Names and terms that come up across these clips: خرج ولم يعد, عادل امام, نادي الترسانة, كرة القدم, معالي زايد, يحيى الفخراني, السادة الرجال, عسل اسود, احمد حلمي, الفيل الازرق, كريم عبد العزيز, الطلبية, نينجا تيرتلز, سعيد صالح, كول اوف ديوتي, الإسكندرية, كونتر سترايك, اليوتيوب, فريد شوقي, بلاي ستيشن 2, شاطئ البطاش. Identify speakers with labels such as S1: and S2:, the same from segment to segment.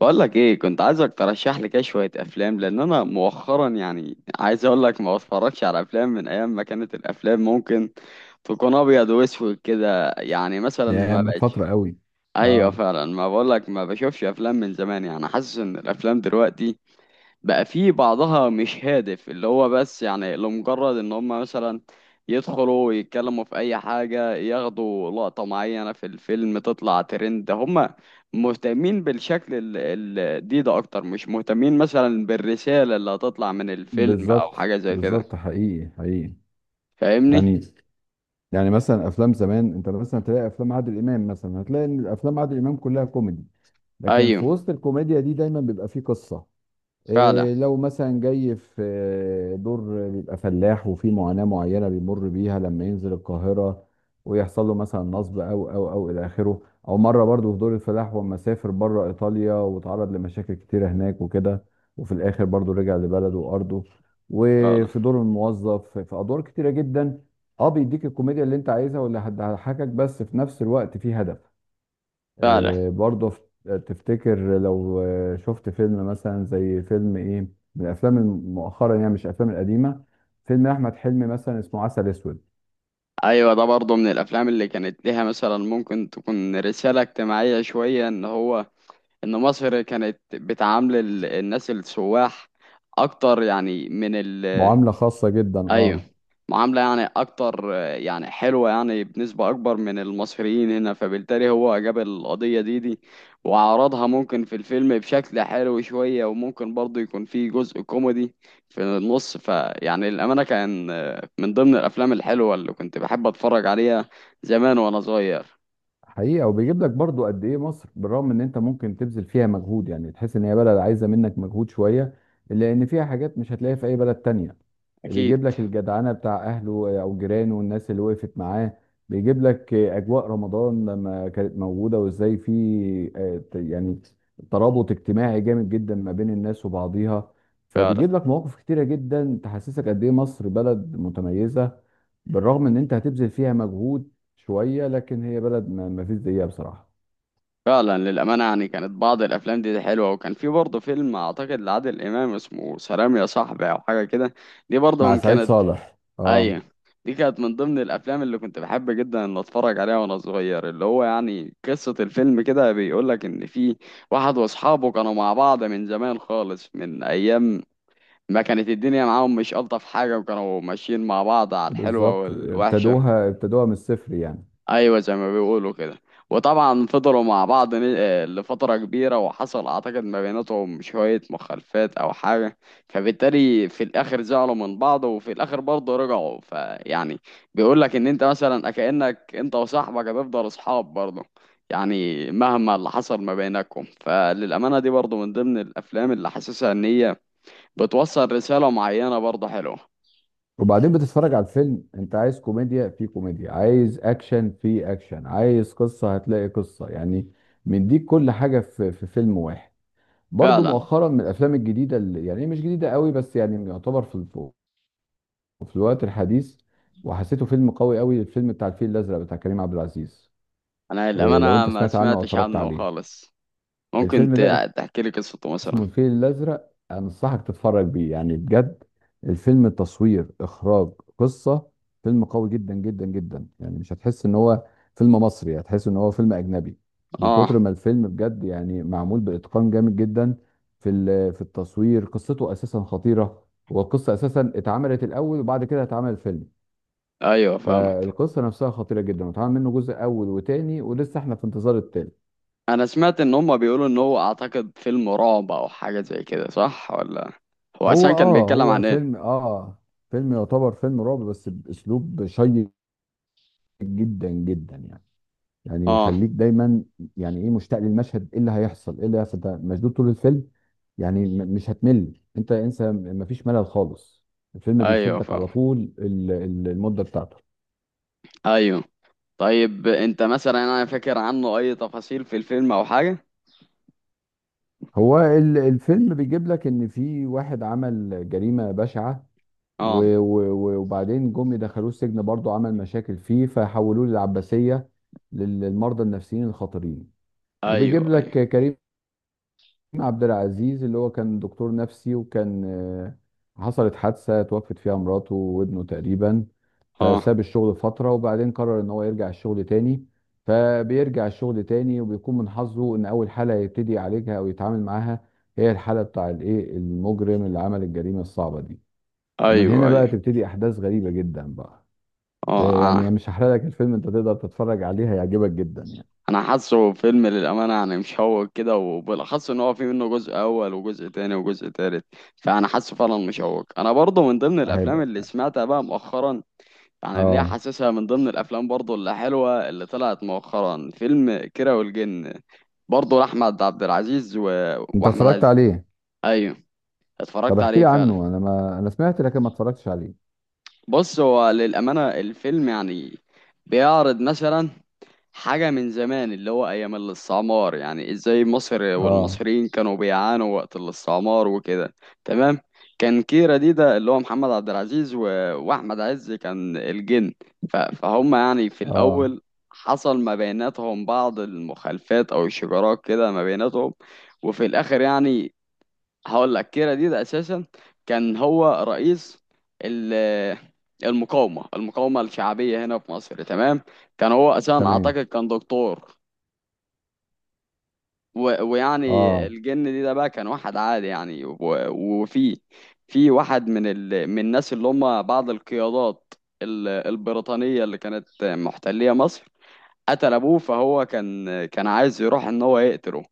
S1: بقول لك ايه، كنت عايزك ترشح لي كده شويه افلام. لان انا مؤخرا يعني عايز اقول لك ما بتفرجش على افلام من ايام ما كانت الافلام ممكن تكون ابيض واسود كده، يعني مثلا
S2: يعني
S1: ما
S2: من
S1: بقتش.
S2: فترة قوي.
S1: ايوه
S2: اه،
S1: فعلا، ما بقول لك ما بشوفش افلام من زمان. يعني حاسس ان الافلام دلوقتي بقى في بعضها مش هادف، اللي هو بس يعني لمجرد ان هم مثلا يدخلوا يتكلموا في اي حاجة، ياخدوا لقطة معينة في الفيلم تطلع ترند. هم مهتمين بالشكل ال دي ده اكتر، مش مهتمين مثلا بالرسالة اللي هتطلع من الفيلم او
S2: بالظبط
S1: حاجة زي كده.
S2: بالظبط، حقيقي حقيقي.
S1: فاهمني؟
S2: يعني يعني مثلا افلام زمان، انت مثلا تلاقي افلام عادل امام، مثلا هتلاقي ان افلام عادل امام كلها كوميدي، لكن
S1: ايوه
S2: في وسط الكوميديا دي دايما بيبقى فيه قصة.
S1: فعلا،
S2: إيه لو مثلا جاي في دور، بيبقى فلاح وفي معاناة معينة بيمر بيها لما ينزل القاهرة ويحصل له مثلا نصب أو إلى آخره. أو مرة برضو في دور الفلاح، وأما سافر بره إيطاليا واتعرض لمشاكل كتيرة هناك وكده، وفي الآخر برضو رجع لبلده وأرضه.
S1: فعلا
S2: وفي دور الموظف، في أدوار كتيرة جدا. أه بيديك الكوميديا اللي أنت عايزها واللي هتضحكك، بس في نفس الوقت في هدف.
S1: فعلا.
S2: آه، برضه تفتكر لو شفت فيلم مثلا زي فيلم ايه، من الافلام مؤخرا، يعني مش الافلام القديمه، فيلم احمد حلمي مثلا اسمه عسل اسود.
S1: ايوه، ده برضه من الافلام اللي كانت ليها مثلا ممكن تكون رسالة اجتماعية شوية، ان هو ان مصر كانت بتعامل الناس السواح اكتر يعني من ال...
S2: معامله خاصه جدا،
S1: ايوه،
S2: اه.
S1: معاملة يعني اكتر، يعني حلوة، يعني بنسبة اكبر من المصريين هنا. فبالتالي هو جاب القضية دي وعرضها ممكن في الفيلم بشكل حلو شوية، وممكن برضه يكون فيه جزء كوميدي في النص. فيعني الأمانة كان من ضمن الأفلام الحلوة اللي كنت بحب أتفرج عليها زمان وأنا صغير.
S2: حقيقة، وبيجيب لك برضو قد ايه مصر، بالرغم ان انت ممكن تبذل فيها مجهود، يعني تحس ان هي بلد عايزة منك مجهود شوية، الا ان فيها حاجات مش هتلاقيها في اي بلد تانية.
S1: أكيد.
S2: بيجيب لك الجدعنة بتاع اهله او جيرانه والناس اللي وقفت معاه. بيجيب لك اجواء رمضان لما كانت موجودة، وازاي في يعني ترابط اجتماعي جامد جدا ما بين الناس وبعضيها.
S1: فعلا.
S2: فبيجيب لك مواقف كتيرة جدا تحسسك قد ايه مصر بلد متميزة، بالرغم ان انت هتبذل فيها مجهود شويه، لكن هي بلد ما فيش زيها بصراحه.
S1: فعلا للأمانة، يعني كانت بعض الأفلام دي حلوة، وكان في برضه فيلم أعتقد لعادل إمام اسمه سلام يا صاحبي أو حاجة كده. دي برضه
S2: مع
S1: من
S2: سعيد
S1: كانت...
S2: صالح، اه.
S1: أيوة، دي كانت من ضمن الأفلام اللي كنت بحب جدا إن أتفرج عليها وأنا صغير. اللي هو يعني قصة الفيلم كده بيقولك إن في واحد وأصحابه كانوا مع بعض من زمان خالص، من أيام ما كانت الدنيا معاهم مش ألطف حاجة، وكانوا ماشيين مع بعض على الحلوة
S2: بالظبط،
S1: والوحشة.
S2: ابتدوها من الصفر يعني.
S1: ايوه زي ما بيقولوا كده. وطبعا فضلوا مع بعض لفتره كبيره، وحصل اعتقد ما بيناتهم شويه مخالفات او حاجه، فبالتالي في الاخر زعلوا من بعض، وفي الاخر برضه رجعوا. فيعني بيقول لك ان انت مثلا كانك انت وصاحبك هتفضل اصحاب برضه، يعني مهما اللي حصل ما بينكم. فللامانه، دي برضه من ضمن الافلام اللي حاسسها ان هي بتوصل رساله معينه برضه حلوه.
S2: وبعدين بتتفرج على الفيلم، انت عايز كوميديا في كوميديا، عايز اكشن في اكشن، عايز قصه هتلاقي قصه، يعني مديك كل حاجه في فيلم واحد. برضو
S1: فعلا.
S2: مؤخرا من الافلام الجديده، اللي يعني هي مش جديده قوي، بس يعني يعتبر في في الوقت الحديث، وحسيته فيلم قوي قوي، الفيلم بتاع الفيل الازرق بتاع كريم عبد العزيز.
S1: انا
S2: إيه، لو
S1: للامانه
S2: انت
S1: ما
S2: سمعت عنه او
S1: سمعتش
S2: اتفرجت
S1: عنه
S2: عليه.
S1: خالص. ممكن
S2: الفيلم ده
S1: تحكي لي قصته مثلا؟
S2: اسمه الفيل الازرق، انصحك تتفرج بيه يعني بجد. الفيلم التصوير، اخراج، قصة، فيلم قوي جدا جدا جدا، يعني مش هتحس ان هو فيلم مصري، هتحس ان هو فيلم اجنبي، من كتر
S1: اه،
S2: ما الفيلم بجد يعني معمول باتقان جامد جدا. في التصوير، قصته اساسا خطيرة. والقصة اساسا اتعملت الاول، وبعد كده اتعمل الفيلم.
S1: ايوه فاهمك.
S2: فالقصة نفسها خطيرة جدا، واتعمل منه جزء اول وتاني، ولسه احنا في انتظار التالت.
S1: انا سمعت ان هما بيقولوا ان هو اعتقد فيلم رعب او حاجه زي كده، صح ولا؟ هو اصلا
S2: هو
S1: كان
S2: اه
S1: بيتكلم
S2: هو
S1: عن ايه؟
S2: فيلم، اه، فيلم يعتبر فيلم رعب بس باسلوب شيق جدا جدا، يعني يعني
S1: اه،
S2: يخليك دايما يعني ايه مشتاق للمشهد، ايه اللي هيحصل، ايه اللي هيحصل، ده مشدود طول الفيلم. يعني مش هتمل، انت انسى، مفيش ملل خالص. الفيلم
S1: ايوه
S2: بيشدك على
S1: فاهمك.
S2: طول المدة بتاعته.
S1: ايوه. طيب انت مثلا، انا فاكر عنه اي تفاصيل في الفيلم او حاجه؟
S2: هو الفيلم بيجيب لك ان في واحد عمل جريمة بشعة،
S1: اه،
S2: وبعدين جم دخلوه السجن، برضه عمل مشاكل فيه فحولوه للعباسية، للمرضى النفسيين الخطيرين.
S1: ايوه
S2: وبيجيب
S1: ايوه.
S2: لك كريم عبد العزيز، اللي هو كان دكتور نفسي، وكان حصلت حادثة توفت فيها مراته وابنه تقريبا،
S1: اه،
S2: فساب الشغل فترة، وبعدين قرر ان هو يرجع الشغل تاني. فبيرجع الشغل تاني، وبيكون من حظه ان اول حالة يبتدي يعالجها او يتعامل معاها هي الحالة بتاع الايه المجرم اللي عمل الجريمة الصعبة دي. ومن
S1: ايوه
S2: هنا بقى
S1: ايوه.
S2: تبتدي احداث غريبه جدا بقى.
S1: اه،
S2: آه، يعني
S1: آه.
S2: مش هحرق لك الفيلم، انت تقدر تتفرج عليه، هيعجبك جدا يعني.
S1: انا حاسه فيلم للامانه يعني مشوق كده، وبالاخص ان هو في منه جزء اول وجزء تاني وجزء تالت. فانا حاسه فعلا مشوق. انا برضه من ضمن الافلام اللي
S2: هيبقى
S1: سمعتها بقى مؤخرا، يعني اللي هي
S2: اه.
S1: حاسسها من ضمن الافلام برضه اللي حلوه اللي طلعت مؤخرا فيلم كيرة والجن. برضه لاحمد عبد العزيز
S2: انت
S1: واحمد
S2: اتفرجت
S1: عز.
S2: عليه؟
S1: ايوه،
S2: طب
S1: اتفرجت
S2: احكي
S1: عليه
S2: لي
S1: فعلا.
S2: عنه، انا ما انا سمعت لكن ما اتفرجتش عليه.
S1: بص، هو للامانه الفيلم يعني بيعرض مثلا حاجة من زمان، اللي هو أيام الاستعمار. يعني إزاي مصر
S2: اه،
S1: والمصريين كانوا بيعانوا وقت الاستعمار وكده. تمام. كان كيرة دي ده اللي هو محمد عبد العزيز وأحمد عز كان الجن. فهم يعني في
S2: اه،
S1: الأول حصل ما بيناتهم بعض المخالفات أو الشجارات كده ما بيناتهم، وفي الآخر يعني. هقول لك كيرا دي ده اساسا كان هو رئيس ال- المقاومه الشعبيه هنا في مصر. تمام. كان هو اساسا
S2: تمام.
S1: اعتقد كان دكتور. ويعني
S2: اه،
S1: الجن دي ده بقى كان واحد عادي يعني، وفي واحد من من الناس اللي هم بعض القيادات البريطانيه اللي كانت محتليه مصر. قتل ابوه، فهو كان عايز يروح ان هو يقتله.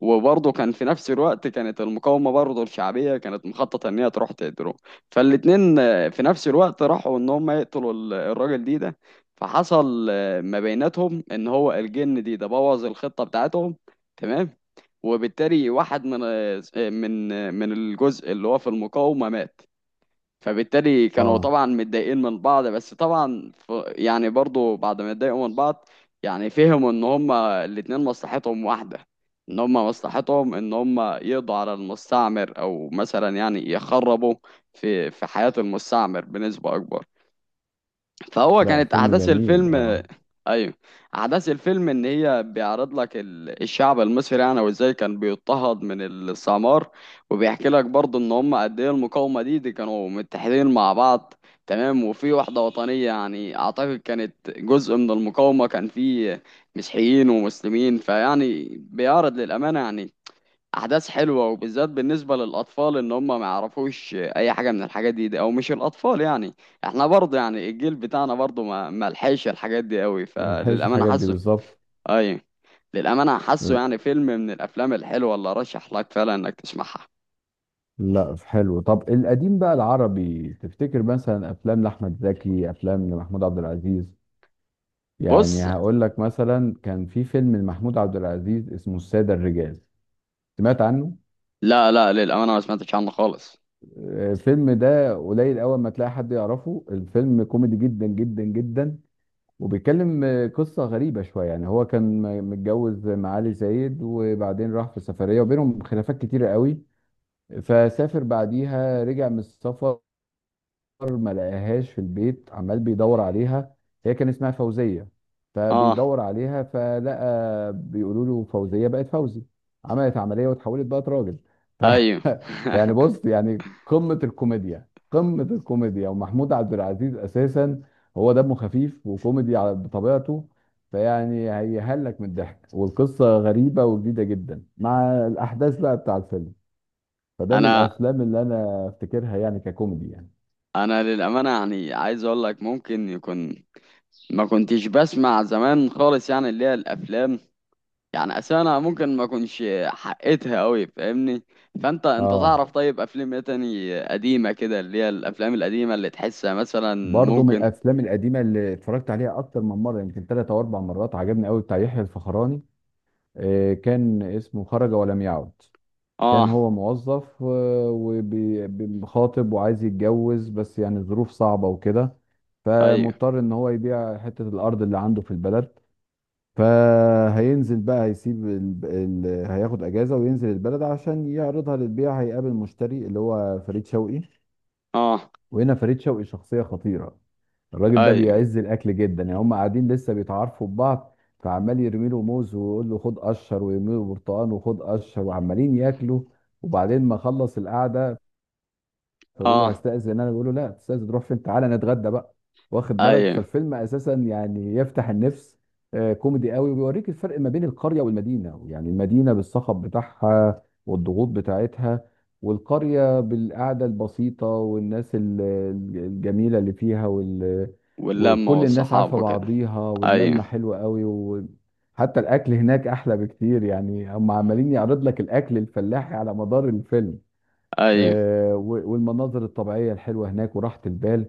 S1: وبرضه كان في نفس الوقت كانت المقاومة برضه الشعبية كانت مخططة ان هي تروح تقتله. فالاتنين في نفس الوقت راحوا ان هم يقتلوا الراجل دي ده. فحصل ما بيناتهم ان هو الجن دي ده بوظ الخطة بتاعتهم. تمام. وبالتالي واحد من الجزء اللي هو في المقاومة مات. فبالتالي كانوا
S2: اه.
S1: طبعا متضايقين من بعض. بس طبعا، يعني برضو بعد ما اتضايقوا من بعض يعني فهموا ان هما الاتنين مصلحتهم واحدة، ان هما مصلحتهم ان هما يقضوا على المستعمر، او مثلا يعني يخربوا في حياة المستعمر بنسبة اكبر. فهو
S2: لا
S1: كانت
S2: فيلم
S1: احداث
S2: جميل،
S1: الفيلم.
S2: اه.
S1: ايوه. احداث الفيلم ان هي بيعرض لك الشعب المصري يعني، وازاي كان بيضطهد من السمار. وبيحكي لك برضه ان هم قد ايه المقاومه دي كانوا متحدين مع بعض. تمام. وفي وحده وطنيه يعني اعتقد كانت جزء من المقاومه، كان في مسيحيين ومسلمين. فيعني بيعرض للامانه يعني احداث حلوه، وبالذات بالنسبه للاطفال ان هم ما يعرفوش اي حاجه من الحاجات دي، او مش الاطفال يعني احنا برضه، يعني الجيل بتاعنا برضه ما لحقش الحاجات دي قوي.
S2: ما يلحقش
S1: فللامانه
S2: الحاجات دي،
S1: حاسه.
S2: بالظبط.
S1: اي، للامانه حاسه يعني فيلم من الافلام الحلوه اللي ارشح لك فعلا انك تسمعها.
S2: لا حلو. طب القديم بقى العربي، تفتكر مثلا افلام لاحمد زكي، افلام لمحمود عبد العزيز؟ يعني
S1: بص،
S2: هقول لك مثلا كان في فيلم لمحمود عبد العزيز اسمه السادة الرجال، سمعت عنه؟
S1: لا لا، للامانه ما سمعتش عنه خالص.
S2: آه، الفيلم ده قليل اول ما تلاقي حد يعرفه، الفيلم كوميدي جدا جدا جدا، وبيتكلم، قصة غريبة شوية يعني. هو كان متجوز معالي زايد، وبعدين راح في سفرية وبينهم خلافات كتيرة قوي، فسافر بعديها رجع من السفر، ما لقاهاش في البيت، عمال بيدور عليها، هي كان اسمها فوزية،
S1: اه،
S2: فبيدور عليها فلقى بيقولوا له فوزية بقت فوزي، عملت عملية واتحولت بقت راجل. ف...
S1: ايوه.
S2: فيعني بص، يعني قمة الكوميديا قمة الكوميديا. ومحمود عبد العزيز أساسا هو دمه خفيف وكوميدي على بطبيعته، فيعني هيهلك من الضحك، والقصة غريبة وجديدة جدا مع الأحداث بقى بتاع الفيلم. فده من
S1: انا
S2: الأفلام اللي أنا أفتكرها يعني ككوميدي يعني.
S1: انا للامانه يعني عايز اقول لك ممكن يكون ما كنتش بسمع زمان خالص، يعني اللي هي الافلام. يعني اصل انا ممكن ما اكونش حقيتها قوي، فاهمني؟ فانت
S2: اه،
S1: تعرف طيب افلام ايه تاني قديمه كده، اللي هي الافلام القديمه اللي تحسها مثلا؟
S2: برضه من
S1: ممكن.
S2: الافلام القديمه اللي اتفرجت عليها اكتر من مره، يمكن ثلاث او اربع مرات، عجبني قوي بتاع يحيى الفخراني، كان اسمه خرج ولم يعد. كان
S1: اه،
S2: هو موظف وخاطب وعايز يتجوز، بس يعني الظروف صعبه وكده،
S1: ايوه.
S2: فمضطر ان هو يبيع حته الارض اللي عنده في البلد. فهينزل بقى، هيسيب هياخد اجازه وينزل البلد عشان يعرضها للبيع، هيقابل مشتري اللي هو فريد شوقي.
S1: اه،
S2: وهنا فريد شوقي شخصية خطيرة، الراجل ده
S1: ايوه.
S2: بيعز الاكل جدا، يعني هم قاعدين لسه بيتعارفوا ببعض، فعمال يرمي له موز ويقول له خد قشر، ويرمي له برتقان وخد قشر، وعمالين ياكلوا. وبعدين ما خلص القعده، فبقول له
S1: اه،
S2: هستأذن انا، بقول له لا تستأذن تروح فين، تعالى نتغدى بقى. واخد بالك،
S1: ايوه.
S2: فالفيلم اساسا يعني يفتح النفس. آه، كوميدي قوي، وبيوريك الفرق ما بين القرية والمدينة، يعني المدينة بالصخب بتاعها والضغوط بتاعتها، والقرية بالقعدة البسيطة والناس الجميلة اللي فيها، وال...
S1: واللمه
S2: وكل الناس
S1: والصحاب
S2: عارفة
S1: وكده.
S2: بعضيها واللمة
S1: ايوه.
S2: حلوة قوي، وحتى الأكل هناك أحلى بكتير، يعني هم عمالين يعرض لك الأكل الفلاحي على مدار الفيلم.
S1: ايوه.
S2: آه، والمناظر الطبيعية الحلوة هناك وراحة البال.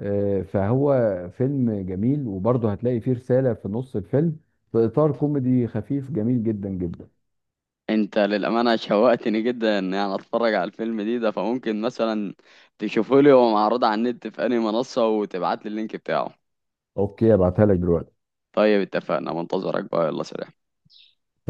S2: آه، فهو فيلم جميل، وبرضه هتلاقي فيه رسالة في نص الفيلم، في إطار كوميدي خفيف جميل جدا جدا.
S1: انت للامانه شوقتني جدا، ان يعني اتفرج على الفيلم دي ده. فممكن مثلا تشوفه لي هو معروض على النت في انهي منصه، وتبعت لي اللينك بتاعه؟
S2: أوكي، أبعتها لك دلوقتي.
S1: طيب اتفقنا، منتظرك بقى. يلا سلام.